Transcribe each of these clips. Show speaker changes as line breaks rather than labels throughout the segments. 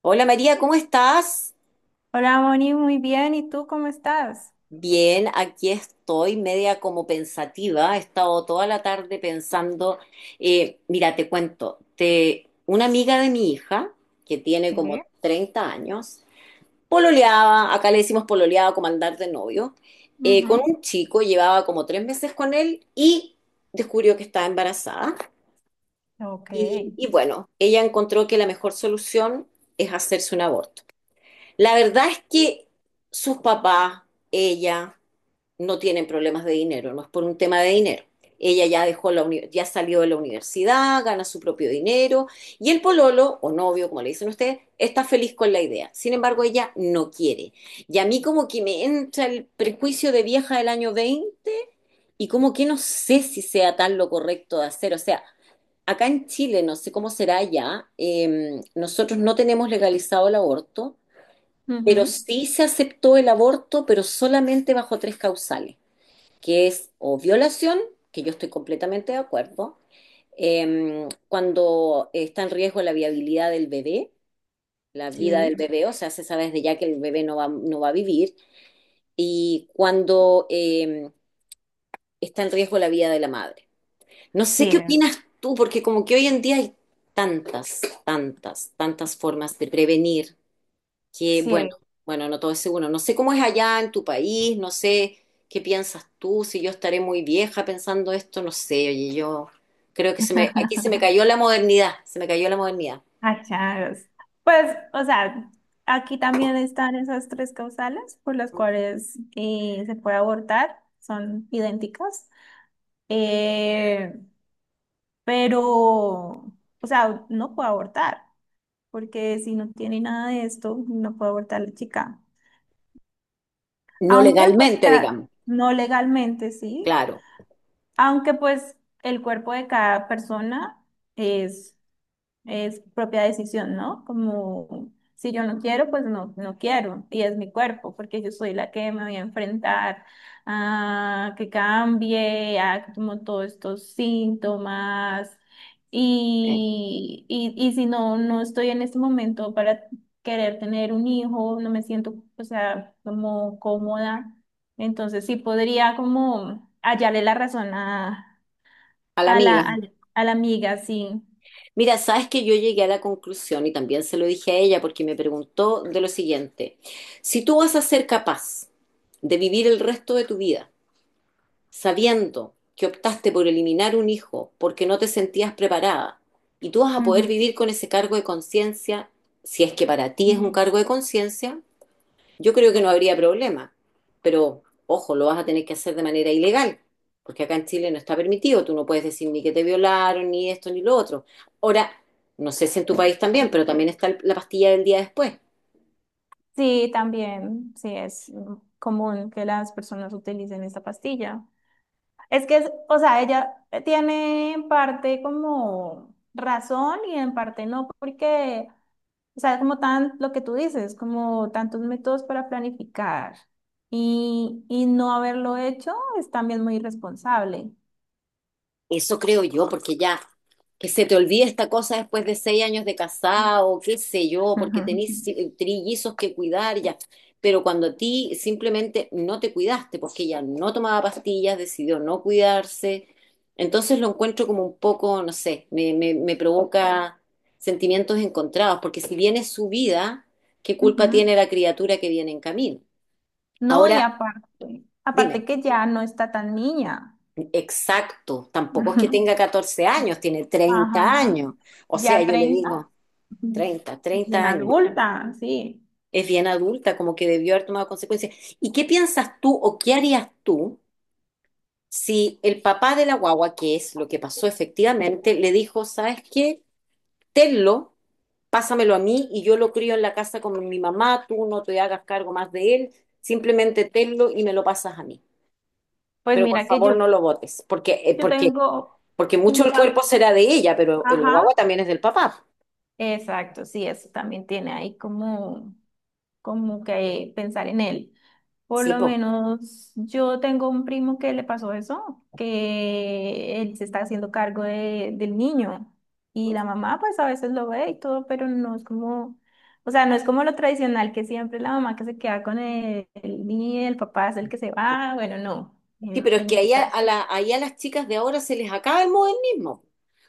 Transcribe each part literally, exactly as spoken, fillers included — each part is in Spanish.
Hola María, ¿cómo estás?
Hola, Moni, muy bien. ¿Y tú cómo estás?
Bien, aquí estoy, media como pensativa. He estado toda la tarde pensando. Eh, mira, te cuento, te, una amiga de mi hija, que tiene
Sí.
como treinta años, pololeaba, acá le decimos pololeaba como andar de novio, eh, con
Ujú.
un chico, llevaba como tres meses con él y descubrió que estaba embarazada.
Ok.
y y bueno, ella encontró que la mejor solución es hacerse un aborto. La verdad es que sus papás, ella, no tienen problemas de dinero, no es por un tema de dinero. Ella ya dejó la uni- ya salió de la universidad, gana su propio dinero y el pololo o novio, como le dicen ustedes, está feliz con la idea. Sin embargo, ella no quiere. Y a mí como que me entra el prejuicio de vieja del año veinte y como que no sé si sea tan lo correcto de hacer, o sea, acá en Chile, no sé cómo será allá. Eh, nosotros no tenemos legalizado el aborto, pero
Ujú.
sí se aceptó el aborto, pero solamente bajo tres causales, que es o violación, que yo estoy completamente de acuerdo, eh, cuando está en riesgo la viabilidad del bebé, la vida del
Sí.
bebé, o sea, se sabe desde ya que el bebé no va, no va a vivir, y cuando eh, está en riesgo la vida de la madre. No sé qué
Sí.
opinas tú, porque como que hoy en día hay tantas, tantas, tantas formas de prevenir. Que bueno,
Sí.
bueno, no todo es seguro. No sé cómo es allá en tu país, no sé qué piensas tú, si yo estaré muy vieja pensando esto, no sé, oye, yo creo que se me, aquí se me cayó la modernidad, se me cayó la modernidad.
Achagos. Pues, o sea, aquí también están esas tres causales por las cuales eh, se puede abortar, son idénticas. Eh, pero, o sea, no puede abortar, porque si no tiene nada de esto, no puede abortar la chica.
No
Aunque, pues,
legalmente,
ca-
digamos,
no legalmente, sí.
claro,
Aunque pues el cuerpo de cada persona es, es propia decisión, ¿no? Como si yo no quiero, pues no, no quiero. Y es mi cuerpo, porque yo soy la que me voy a enfrentar a que cambie, a como todos estos síntomas.
eh,
Y, y, y si no, no estoy en este momento para querer tener un hijo, no me siento, o sea, como cómoda. Entonces sí podría como hallarle la razón a,
a la
a la,
amiga.
a la a la amiga, sí.
Mira, sabes que yo llegué a la conclusión y también se lo dije a ella porque me preguntó de lo siguiente, si tú vas a ser capaz de vivir el resto de tu vida, sabiendo que optaste por eliminar un hijo porque no te sentías preparada y tú vas a poder
Ujú.
vivir con ese cargo de conciencia, si es que para ti es un
Yes.
cargo de conciencia, yo creo que no habría problema. Pero, ojo, lo vas a tener que hacer de manera ilegal, porque acá en Chile no está permitido, tú no puedes decir ni que te violaron, ni esto, ni lo otro. Ahora, no sé si en tu país también, pero también está la pastilla del día después.
Sí, también, sí, es mm, común que las personas utilicen esta pastilla. Es que, es- o sea, ella tiene en parte como razón y en parte no, porque, o sea, es como tan lo que tú dices, como tantos métodos para planificar y, y no haberlo hecho es también muy irresponsable.
Eso creo yo, porque ya que se te olvide esta cosa después de seis años de casado, qué sé yo, porque
Ujú.
tenés eh, trillizos que cuidar ya. Pero cuando a ti simplemente no te cuidaste, porque ella no tomaba pastillas, decidió no cuidarse, entonces lo encuentro como un poco, no sé, me, me, me provoca sentimientos encontrados, porque si viene su vida, ¿qué culpa tiene
Ujú.
la criatura que viene en camino?
No, y
Ahora,
aparte, aparte
dime.
que ya no está tan niña.
Exacto, tampoco es que tenga catorce años, tiene treinta
Ajá,
años. O sea,
ya
yo le
treinta.
digo, treinta,
Bien
treinta años.
adulta, sí.
Es bien adulta, como que debió haber tomado consecuencias. ¿Y qué piensas tú o qué harías tú si el papá de la guagua, que es lo que pasó efectivamente, le dijo, ¿sabes qué? Tenlo, pásamelo a mí y yo lo crío en la casa con mi mamá, tú no te hagas cargo más de él, simplemente tenlo y me lo pasas a mí.
Pues
Pero por
mira que yo,
favor no lo votes, porque, eh,
yo
porque
tengo
Porque mucho
un
el cuerpo
pan.
será de ella, pero el
Ajá.
guagua también es del papá.
Exacto, sí, eso también tiene ahí como, como que pensar en él. Por
Sí,
lo
po.
menos yo tengo un primo que le pasó eso, que él se está haciendo cargo de- del niño y la mamá pues a veces lo ve y todo, pero no es como, o sea, no es como lo tradicional que siempre la mamá que se queda con el, el niño y el papá es el que se va, bueno, no,
Sí,
en,
pero es
en
que
este
ahí a,
caso.
a la- ahí a las chicas de ahora se les acaba el modernismo.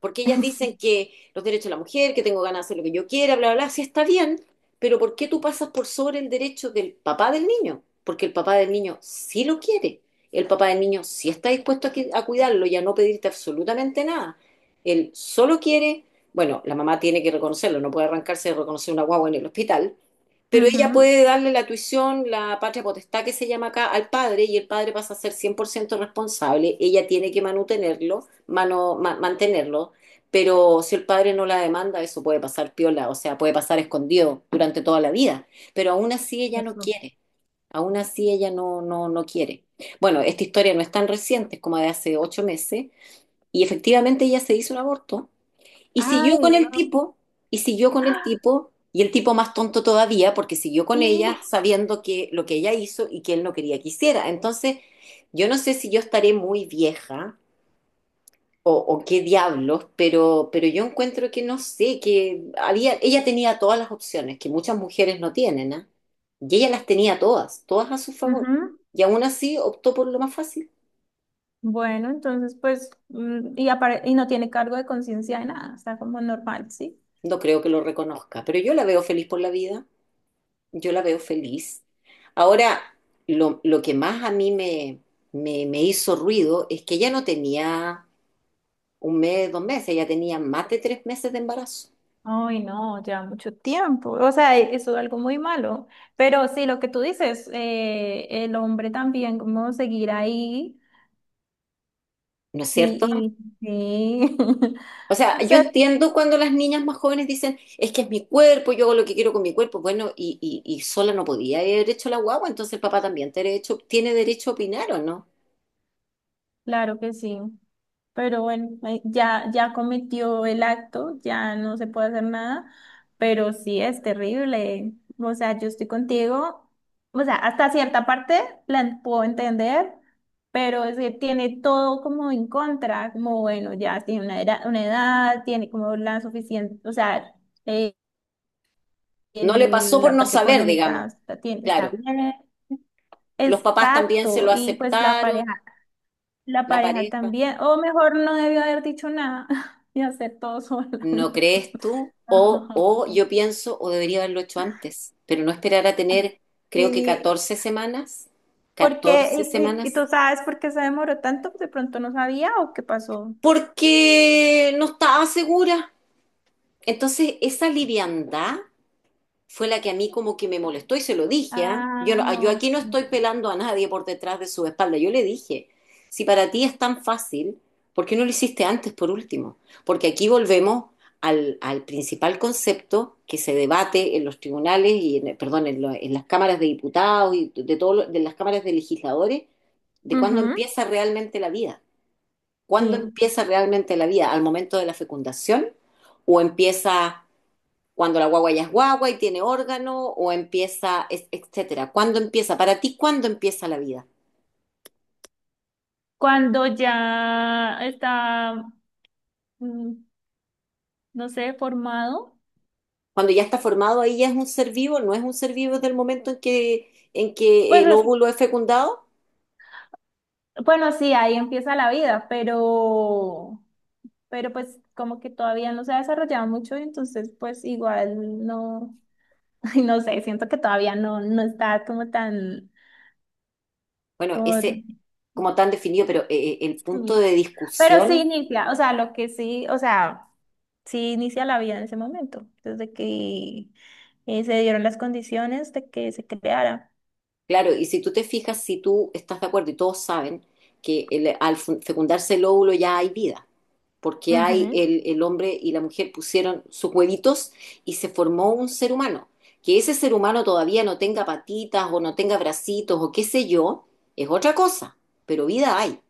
Porque ellas dicen que los derechos de la mujer, que tengo ganas de hacer lo que yo quiera, bla, bla, bla, sí está bien, pero ¿por qué tú pasas por sobre el derecho del papá del niño? Porque el papá del niño sí lo quiere. El papá del niño sí está dispuesto a, que- a cuidarlo y a no pedirte absolutamente nada. Él solo quiere, bueno, la mamá tiene que reconocerlo, no puede arrancarse de reconocer una guagua en el hospital, pero ella
Ujú.
puede darle la tuición, la patria potestad que se llama acá, al padre y el padre pasa a ser cien por ciento responsable. Ella tiene que manutenerlo, mano- ma- mantenerlo, pero si el padre no la demanda, eso puede pasar piola, o sea, puede pasar escondido durante toda la vida, pero aún así ella no
Eso.
quiere, aún así ella no, no, no quiere. Bueno, esta historia no es tan reciente, es como de hace ocho meses, y efectivamente ella se hizo un aborto y siguió
Ay,
con el
no.
tipo, y siguió con el tipo, y el tipo más tonto todavía, porque siguió con
Sí.
ella sabiendo que lo que ella hizo y que él no quería que hiciera. Entonces, yo no sé si yo estaré muy vieja o, o qué diablos, pero, pero yo encuentro que no sé, que había, ella tenía todas las opciones que muchas mujeres no tienen, ¿ah? Y ella las tenía todas, todas a su favor.
Ujú.
Y aún así optó por lo más fácil.
Bueno, entonces pues, mm, y, apare- y no tiene cargo de conciencia de nada, está como normal, ¿sí?
No creo que lo reconozca, pero yo la veo feliz por la vida. Yo la veo feliz. Ahora, lo, lo que más a mí me, me, me hizo ruido es que ella no tenía un mes, dos meses, ella tenía más de tres meses de embarazo,
Ay, no, ya mucho tiempo. O sea, e- eso es algo muy malo. Pero sí, lo que tú dices, eh, el hombre también, cómo seguir ahí
¿no es cierto?
y, y sí.
O sea,
O
yo
sea,
entiendo cuando las niñas más jóvenes dicen, es que es mi cuerpo, yo hago lo que quiero con mi cuerpo, bueno, y, y, y sola no podía haber hecho la guagua, entonces el papá también tiene derecho, tiene derecho a opinar, ¿o no?
claro que sí. Pero bueno, eh, ya, ya cometió el acto, ya no se puede hacer nada, pero sí es terrible. O sea, yo estoy contigo. O sea, hasta cierta parte la en- puedo entender, pero es que tiene todo como en contra, como bueno, ya tiene una edad, una edad, tiene como la suficiente, o sea, eh,
No le pasó
el-
por
la
no
parte
saber,
económica
digamos,
está, tiene- está
claro.
bien.
Los papás también se
Exacto.
lo
Y pues la
aceptaron,
pareja la
la
pareja
pareja.
también, o mejor no debió haber dicho nada y hacer todo sola.
¿No crees tú? O,
Ajá.
o yo pienso, o debería haberlo hecho antes, pero no esperar a tener, creo que
Sí,
catorce semanas,
porque,
catorce
y, y- y
semanas,
tú sabes por qué se demoró tanto, de pronto no sabía o qué pasó.
porque no estaba segura. Entonces, esa liviandad fue la que a mí como que me molestó y se lo dije, ¿ah? Yo,
Ah,
no- yo
no,
aquí no
sí.
estoy pelando a nadie por detrás de su espalda. Yo le dije, si para ti es tan fácil, ¿por qué no lo hiciste antes por último? Porque aquí volvemos al, al principal concepto que se debate en los tribunales y, en, perdón, en, lo- en las cámaras de diputados y de, todo lo- de las cámaras de legisladores, de cuándo
Ujú.
empieza realmente la vida. ¿Cuándo
Sí.
empieza realmente la vida? ¿Al momento de la fecundación? ¿O empieza cuando la guagua ya es guagua y tiene órgano o empieza, es- etcétera? ¿Cuándo empieza? Para ti, ¿cuándo empieza la vida?
Cuando ya está, mm, no sé, formado.
Cuando ya está formado, ahí ya es un ser vivo, no es un ser vivo desde el momento en que, en que
Pues,
el
es-
óvulo es fecundado.
bueno, sí, ahí empieza la vida, pero, pero pues como que todavía no se ha desarrollado mucho, entonces pues igual no. Ay, no sé, siento que todavía no, no está como tan,
Bueno,
como,
ese como tan definido, pero eh, eh, el punto
sí.
de
Pero sí
discusión.
inicia, o sea, lo que sí, o sea, sí inicia la vida en ese momento, desde que eh, se dieron las condiciones de que se creara.
Claro, y si tú te fijas, si tú estás de acuerdo y todos saben que el- al fu- fecundarse el óvulo ya hay vida, porque hay
Ujú.
el, el hombre y la mujer pusieron sus huevitos y se formó un ser humano. Que ese ser humano todavía no tenga patitas o no tenga bracitos o qué sé yo, es otra cosa, pero vida hay.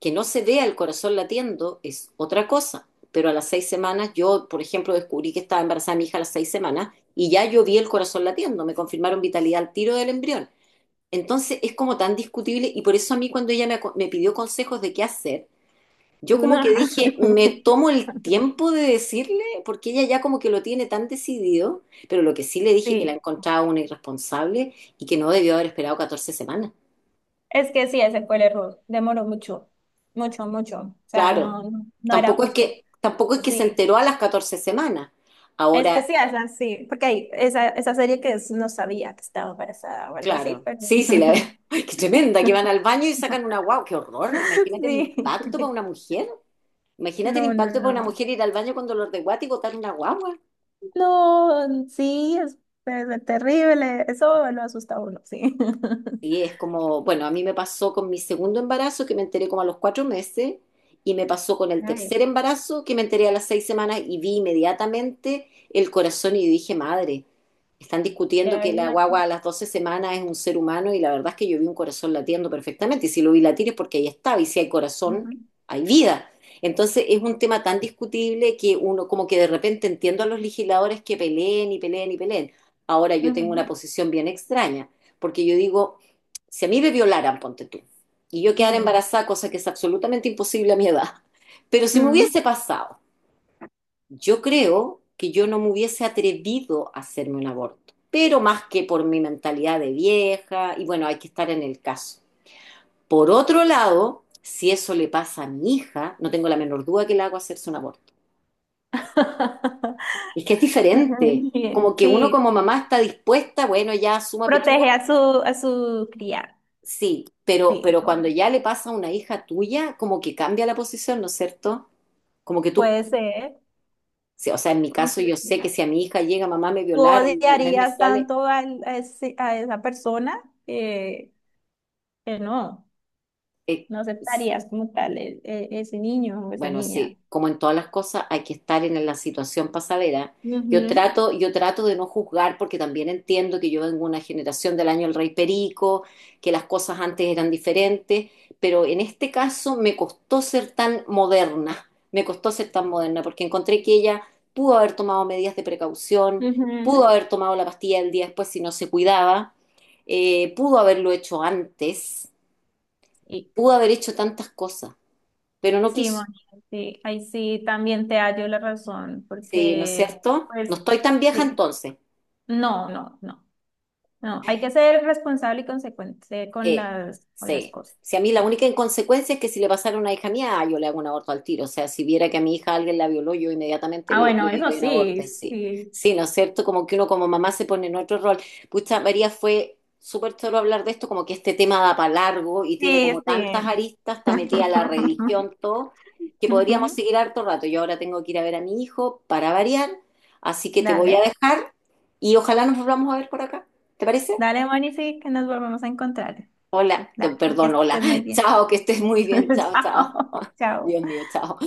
Que no se vea el corazón latiendo es otra cosa. Pero a las seis semanas, yo, por ejemplo, descubrí que estaba embarazada mi hija a las seis semanas y ya yo vi el corazón latiendo, me confirmaron vitalidad al tiro del embrión. Entonces es como tan discutible y por eso a mí cuando ella me, aco- me pidió consejos de qué hacer, yo
Tú
como
no.
que dije, me tomo el tiempo de decirle, porque ella ya como que lo tiene tan decidido, pero lo que sí le dije que la
Sí,
encontraba una irresponsable y que no debió haber esperado catorce semanas.
es que sí, ese fue el error, demoró mucho, mucho, mucho, o sea,
Claro,
no, no, no era
tampoco es
justo,
que, tampoco es que se
sí.
enteró a las catorce semanas.
Es que
Ahora,
sí, esa sí, porque hay esa, esa serie que es, no sabía que estaba embarazada o algo así,
claro,
pero...
sí, sí, la, ¡Ay, qué tremenda, que van al baño y sacan una guau, qué horror! Imagínate el impacto para
Sí.
una mujer. Imagínate el
No, no,
impacto para una
no.
mujer ir al baño con dolor de guata y botar una guagua.
No, sí, es, es terrible. Eso lo asusta a uno, sí.
Y es como, bueno, a mí me pasó con mi segundo embarazo, que me enteré como a los cuatro meses, y me pasó con el
Ay,
tercer embarazo, que me enteré a las seis semanas y vi inmediatamente el corazón y dije, madre, están discutiendo
ya
que
hay
la
una.
guagua a las doce semanas es un ser humano y la verdad es que yo vi un corazón latiendo perfectamente y si lo vi latir es porque ahí estaba y si hay corazón,
Ujú,
hay vida. Entonces es un tema tan discutible que uno como que de repente entiendo a los legisladores que peleen y peleen y peleen. Ahora yo tengo una
ujú,
posición bien extraña, porque yo digo, si a mí me violaran, ponte tú, y yo quedara
mira.
embarazada, cosa que es absolutamente imposible a mi edad, pero si me
Mm.
hubiese pasado, yo creo que yo no me hubiese atrevido a hacerme un aborto, pero más que por mi mentalidad de vieja, y bueno, hay que estar en el caso. Por otro lado, si eso le pasa a mi hija, no tengo la menor duda que le hago hacerse un aborto. Es que es diferente.
Bien,
Como que uno
sí,
como
sí.
mamá está dispuesta, bueno, ya suma pechuga.
Protege a su, a su cría.
Sí, pero,
Sí,
pero
no,
cuando ya le pasa a una hija tuya, como que cambia la posición, ¿no es cierto? Como que tú,
puede ser.
sí, o sea, en mi
Como
caso
que
yo sé
sí.
que si a mi hija llega, mamá me
¿Tú
violaron y al mes me
odiarías
sale,
tanto al- a, ese- a esa persona que, que no,
eh,
no aceptarías como tal e- e- ese niño o esa
bueno,
niña?
sí, como en todas las cosas hay que estar en la situación pasadera. Yo
Ujú,
trato, yo trato de no juzgar porque también entiendo que yo vengo de una generación del año El Rey Perico, que las cosas antes eran diferentes, pero en este caso me costó ser tan moderna, me costó ser tan moderna porque encontré que ella pudo haber tomado medidas de precaución, pudo
ujú.
haber tomado la pastilla el día después si no se cuidaba, eh, pudo haberlo hecho antes,
Y
pudo haber hecho tantas cosas, pero no
sí,
quiso.
Moni, sí, ahí sí también te hallo la razón,
Sí, ¿no es
porque
cierto? No
pues
estoy tan vieja
sí,
entonces.
no, no, no, no, hay que ser responsable y consecuente con
Sí,
las, con las
sí.
cosas,
Si a mí la
sí.
única inconsecuencia es que si le pasara a una hija mía, ah, yo le hago un aborto al tiro. O sea, si viera que a mi hija alguien la violó, yo inmediatamente
Ah,
le,
bueno,
le
eso
doy un aborto,
sí,
sí.
sí,
Sí, ¿no es cierto? Como que uno como mamá se pone en otro rol. Pucha, María, fue súper choro hablar de esto, como que este tema da para largo y tiene como
sí,
tantas
sí.
aristas, está metida la religión, todo, que podríamos
Ujú.
seguir harto rato. Yo ahora tengo que ir a ver a mi hijo para variar, así que te voy
Dale,
a dejar y ojalá nos volvamos a ver por acá. ¿Te parece?
dale, Moni, sí, que nos volvemos a encontrar.
Hola,
Dale,
no,
que
perdón, hola.
estés muy bien.
Chao, que estés muy bien. Chao, chao.
Chao, chao.
Dios mío, chao.